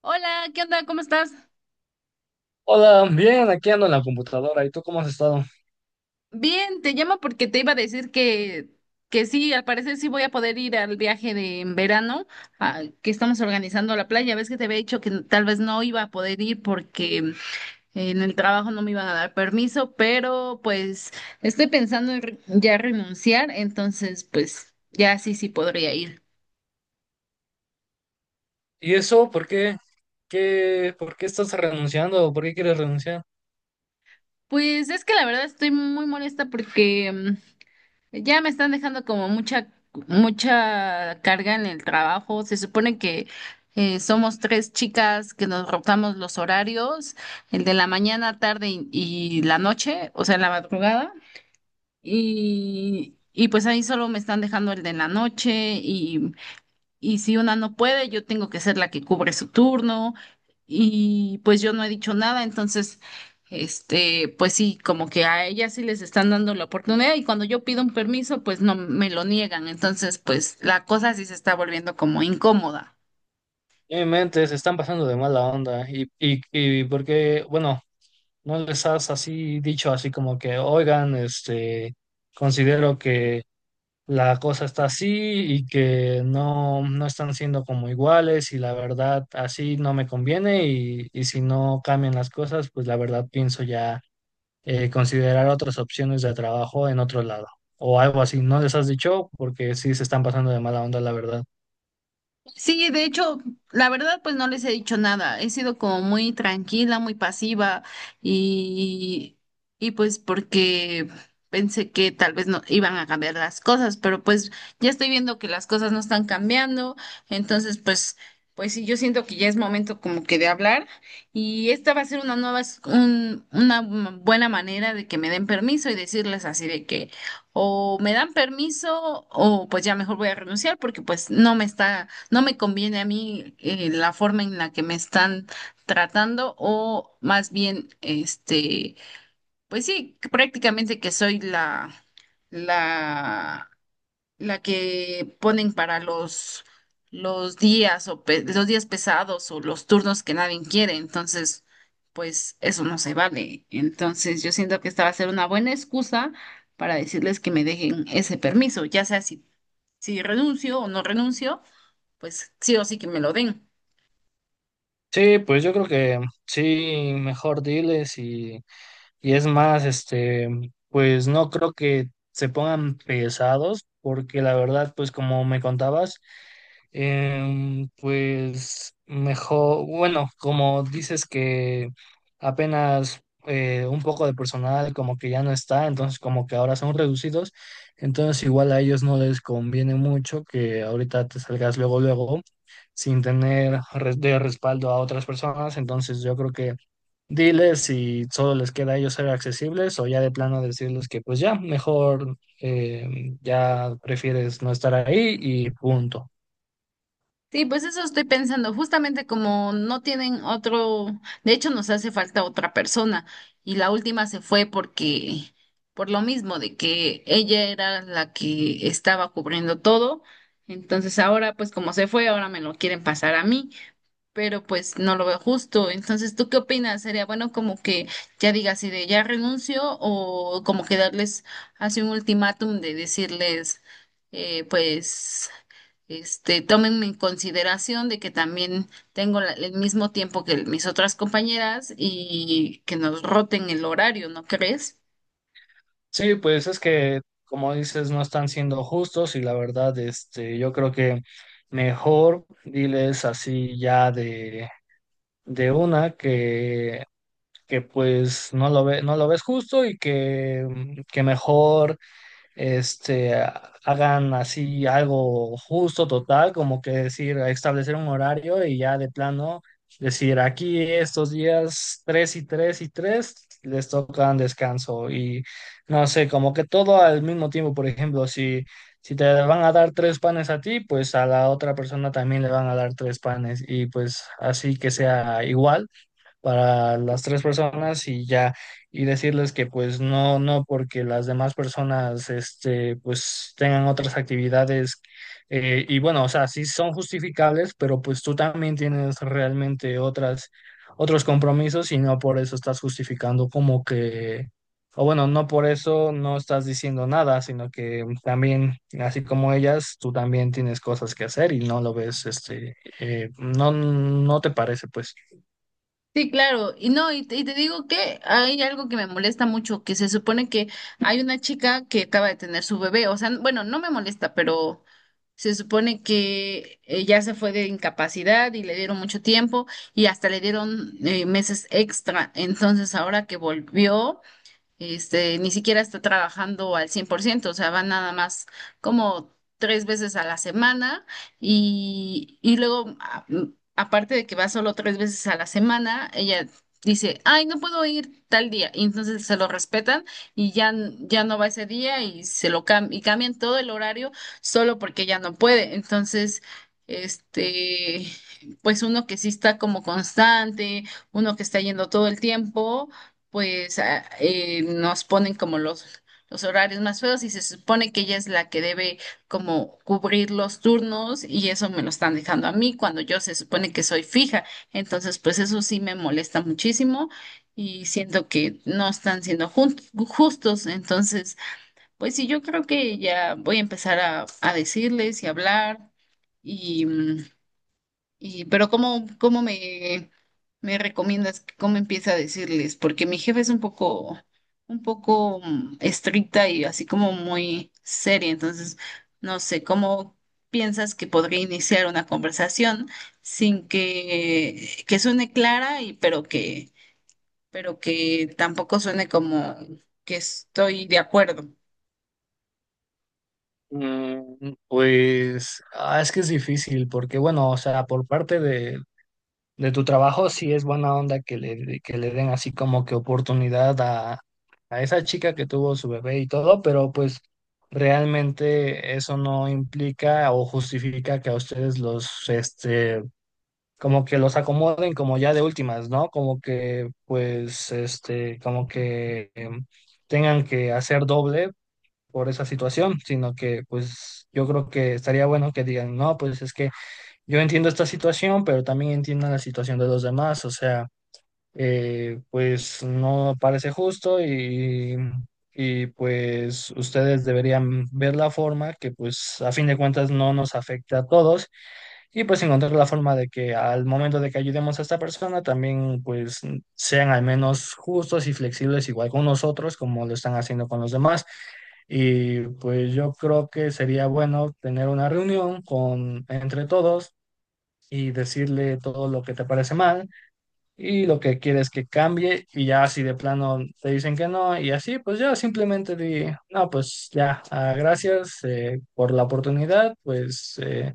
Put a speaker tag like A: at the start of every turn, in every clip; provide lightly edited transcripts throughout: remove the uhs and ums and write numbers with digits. A: Hola, ¿qué onda? ¿Cómo estás?
B: Hola, bien, aquí ando en la computadora. ¿Y tú cómo has estado?
A: Bien, te llamo porque te iba a decir que sí, al parecer sí voy a poder ir al viaje de en verano que estamos organizando a la playa. Ves que te había dicho que tal vez no iba a poder ir porque en el trabajo no me iban a dar permiso, pero pues estoy pensando en ya renunciar, entonces pues ya sí, sí podría ir.
B: ¿Y eso por qué? ¿Qué, por qué estás renunciando? ¿Por qué quieres renunciar?
A: Pues es que la verdad estoy muy molesta porque ya me están dejando como mucha carga en el trabajo. Se supone que somos tres chicas que nos rotamos los horarios, el de la mañana, tarde y la noche, o sea, la madrugada. Y pues ahí solo me están dejando el de la noche y si una no puede, yo tengo que ser la que cubre su turno y pues yo no he dicho nada, entonces, este, pues sí, como que a ellas sí les están dando la oportunidad y cuando yo pido un permiso, pues no me lo niegan, entonces, pues la cosa sí se está volviendo como incómoda.
B: En mi mente se están pasando de mala onda. Y por qué, bueno, no les has así dicho así como que, oigan, este, considero que la cosa está así y que no están siendo como iguales y la verdad así no me conviene y si no cambian las cosas, pues la verdad pienso ya. Considerar otras opciones de trabajo en otro lado o algo así. ¿No les has dicho? Porque sí se están pasando de mala onda, la verdad.
A: Sí, de hecho, la verdad, pues no les he dicho nada. He sido como muy tranquila, muy pasiva y, y pues porque pensé que tal vez no iban a cambiar las cosas, pero pues ya estoy viendo que las cosas no están cambiando. Entonces, pues, pues sí, yo siento que ya es momento como que de hablar y esta va a ser una nueva, una buena manera de que me den permiso y decirles así de que o me dan permiso o pues ya mejor voy a renunciar porque pues no me conviene a mí la forma en la que me están tratando o más bien, este, pues sí, que prácticamente que soy la, la que ponen para los días o pe- los días pesados o los turnos que nadie quiere. Entonces, pues eso no se vale. Entonces, yo siento que esta va a ser una buena excusa para decirles que me dejen ese permiso, ya sea si renuncio o no renuncio pues sí o sí que me lo den.
B: Sí, pues yo creo que sí, mejor diles y... Y es más, este, pues no creo que se pongan pesados, porque la verdad, pues como me contabas, pues mejor, bueno, como dices que apenas un poco de personal como que ya no está, entonces como que ahora son reducidos, entonces igual a ellos no les conviene mucho que ahorita te salgas luego, luego, sin tener res- de respaldo a otras personas, entonces yo creo que diles si solo les queda a ellos ser accesibles o ya de plano decirles que pues ya, mejor ya prefieres no estar ahí y punto.
A: Sí, pues eso estoy pensando, justamente como no tienen otro, de hecho nos hace falta otra persona y la última se fue porque, por lo mismo de que ella era la que estaba cubriendo todo, entonces ahora pues como se fue, ahora me lo quieren pasar a mí, pero pues no lo veo justo. Entonces, ¿tú qué opinas? ¿Sería bueno como que ya diga si de ya renuncio o como que darles así un ultimátum de decirles pues este, tomen en consideración de que también tengo el mismo tiempo que mis otras compañeras y que nos roten el horario, ¿no crees?
B: Sí, pues es que como dices, no están siendo justos y la verdad, este, yo creo que mejor diles así ya de una que pues no lo ve, no lo ves justo y que mejor este, hagan así algo justo, total, como que decir, establecer un horario y ya de plano decir, aquí estos días 3 y 3 y 3 les tocan descanso y no sé, como que todo al mismo tiempo, por ejemplo, si, si te van a dar tres panes a ti, pues a la otra persona también le van a dar tres panes y pues así que sea igual para las tres personas y ya, y decirles que pues no, no, porque las demás personas, este, pues tengan otras actividades. Y bueno, o sea, sí son justificables, pero pues tú también tienes realmente otras, otros compromisos y no por eso estás justificando como que... O bueno, no por eso no estás diciendo nada, sino que también, así como ellas, tú también tienes cosas que hacer y no lo ves, este, no, no te parece, pues.
A: Sí, claro. Y no, y te digo que hay algo que me molesta mucho, que se supone que hay una chica que acaba de tener su bebé, o sea, bueno, no me molesta, pero se supone que ya se fue de incapacidad y le dieron mucho tiempo y hasta le dieron meses extra. Entonces, ahora que volvió este, ni siquiera está trabajando al 100%, o sea, va nada más como tres veces a la semana y luego, aparte de que va solo tres veces a la semana, ella dice, ay, no puedo ir tal día, y entonces se lo respetan y ya, ya no va ese día y y cambian todo el horario solo porque ya no puede, entonces. Este, pues uno que sí está como constante, uno que está yendo todo el tiempo, pues nos ponen como los horarios más feos y se supone que ella es la que debe como cubrir los turnos y eso me lo están dejando a mí cuando yo se supone que soy fija. Entonces, pues eso sí me molesta muchísimo y siento que no están siendo justos. Entonces, pues sí, yo creo que ya voy a empezar a decirles y hablar. Y, mm, pero ¿cómo me recomiendas, cómo empieza a decirles? Porque mi jefe es un poco, un poco estricta y así como muy seria. Entonces, no sé, ¿cómo piensas que podría iniciar una conversación sin que suene clara y pero que tampoco suene como que estoy de acuerdo?
B: Mm, pues ah, es que es difícil porque, bueno, o sea, por parte de tu trabajo sí es buena onda que le den así como que oportunidad a esa chica que tuvo su bebé y todo, pero pues realmente eso no implica o justifica que a ustedes los, este, como que los acomoden como ya de últimas, ¿no? Como que, pues, este, como que... Tengan que hacer doble por esa situación, sino que pues yo creo que estaría bueno que digan, no, pues es que yo entiendo esta situación, pero también entiendo la situación de los demás, o sea pues no parece justo y pues ustedes deberían ver la forma que pues a fin de cuentas no nos afecte a todos y pues encontrar la forma de que al momento de que ayudemos a esta persona también pues sean al menos justos y flexibles igual con nosotros como lo están haciendo con los demás. Y pues yo creo que sería bueno tener una reunión con entre todos y decirle todo lo que te parece mal y lo que quieres que cambie y ya si de plano te dicen que no y así, pues ya simplemente di, no, pues ya, ah, gracias por la oportunidad, pues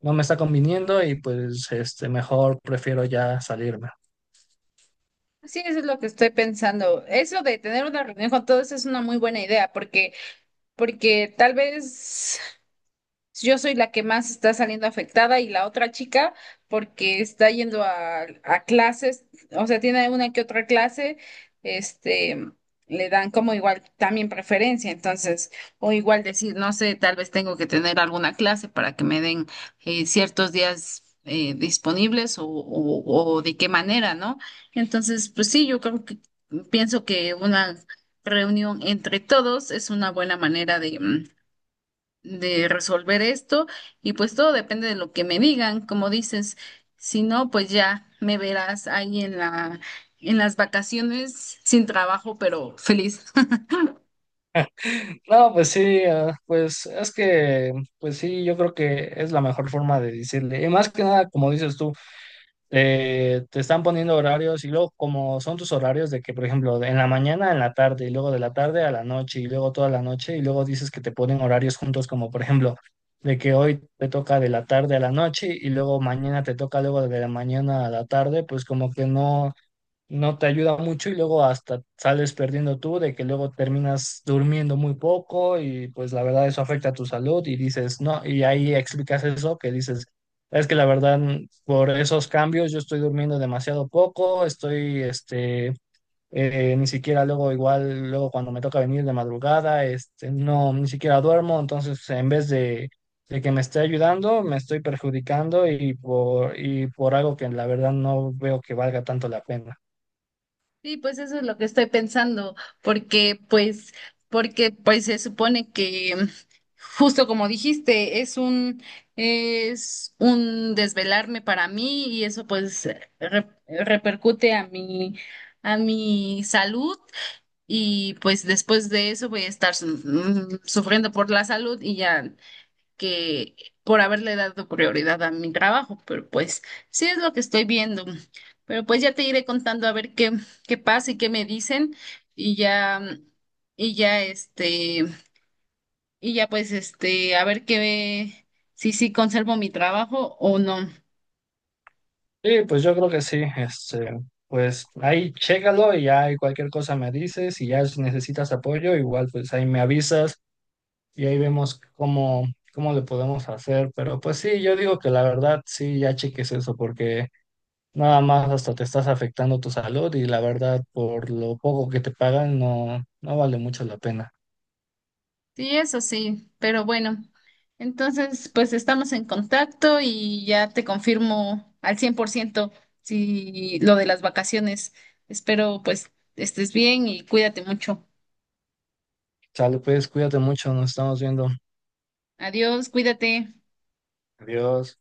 B: no me está conviniendo y pues este, mejor prefiero ya salirme.
A: Sí, eso es lo que estoy pensando. Eso de tener una reunión con todos es una muy buena idea porque tal vez yo soy la que más está saliendo afectada y la otra chica porque está yendo a clases, o sea, tiene una que otra clase, este, le dan como igual también preferencia, entonces, o igual decir, no sé, tal vez tengo que tener alguna clase para que me den ciertos días disponibles o de qué manera, ¿no? Entonces, pues sí, yo creo que pienso que una reunión entre todos es una buena manera de resolver esto y pues todo depende de lo que me digan, como dices, si no, pues ya me verás ahí en las vacaciones sin trabajo, pero feliz.
B: No, pues sí, ah, pues es que, pues sí, yo creo que es la mejor forma de decirle, y más que nada, como dices tú. Te están poniendo horarios y luego como son tus horarios de que, por ejemplo, en la mañana, en la tarde y luego de la tarde a la noche y luego toda la noche y luego dices que te ponen horarios juntos como, por ejemplo, de que hoy te toca de la tarde a la noche y luego mañana te toca luego de la mañana a la tarde, pues como que no te ayuda mucho y luego hasta sales perdiendo tú, de que luego terminas durmiendo muy poco y pues la verdad eso afecta a tu salud y dices, no, y ahí explicas eso, que dices, es que la verdad por esos cambios yo estoy durmiendo demasiado poco, estoy, este, ni siquiera luego igual, luego cuando me toca venir de madrugada, este, no, ni siquiera duermo, entonces en vez de que me esté ayudando, me estoy perjudicando y por algo que la verdad no veo que valga tanto la pena.
A: Sí, pues eso es lo que estoy pensando, porque pues, porque pues se supone que justo como dijiste, es un desvelarme para mí y eso pues repercute a mi salud. Y pues después de eso voy a estar sufriendo por la salud y ya que por haberle dado prioridad a mi trabajo, pero pues sí es lo que estoy viendo. Pero pues ya te iré contando a ver qué pasa y qué me dicen y ya, y ya este, y ya pues este, a ver qué, si sí conservo mi trabajo o no.
B: Sí, pues yo creo que sí. Este, pues ahí chécalo y ya y cualquier cosa me dices y ya si necesitas apoyo, igual pues ahí me avisas y ahí vemos cómo, cómo le podemos hacer. Pero pues sí, yo digo que la verdad sí, ya cheques eso porque nada más hasta te estás afectando tu salud y la verdad por lo poco que te pagan no, no vale mucho la pena.
A: Sí, eso sí, pero bueno, entonces pues estamos en contacto y ya te confirmo al 100% si lo de las vacaciones. Espero pues estés bien y cuídate mucho.
B: Chale, pues cuídate mucho, nos estamos viendo.
A: Adiós, cuídate.
B: Adiós.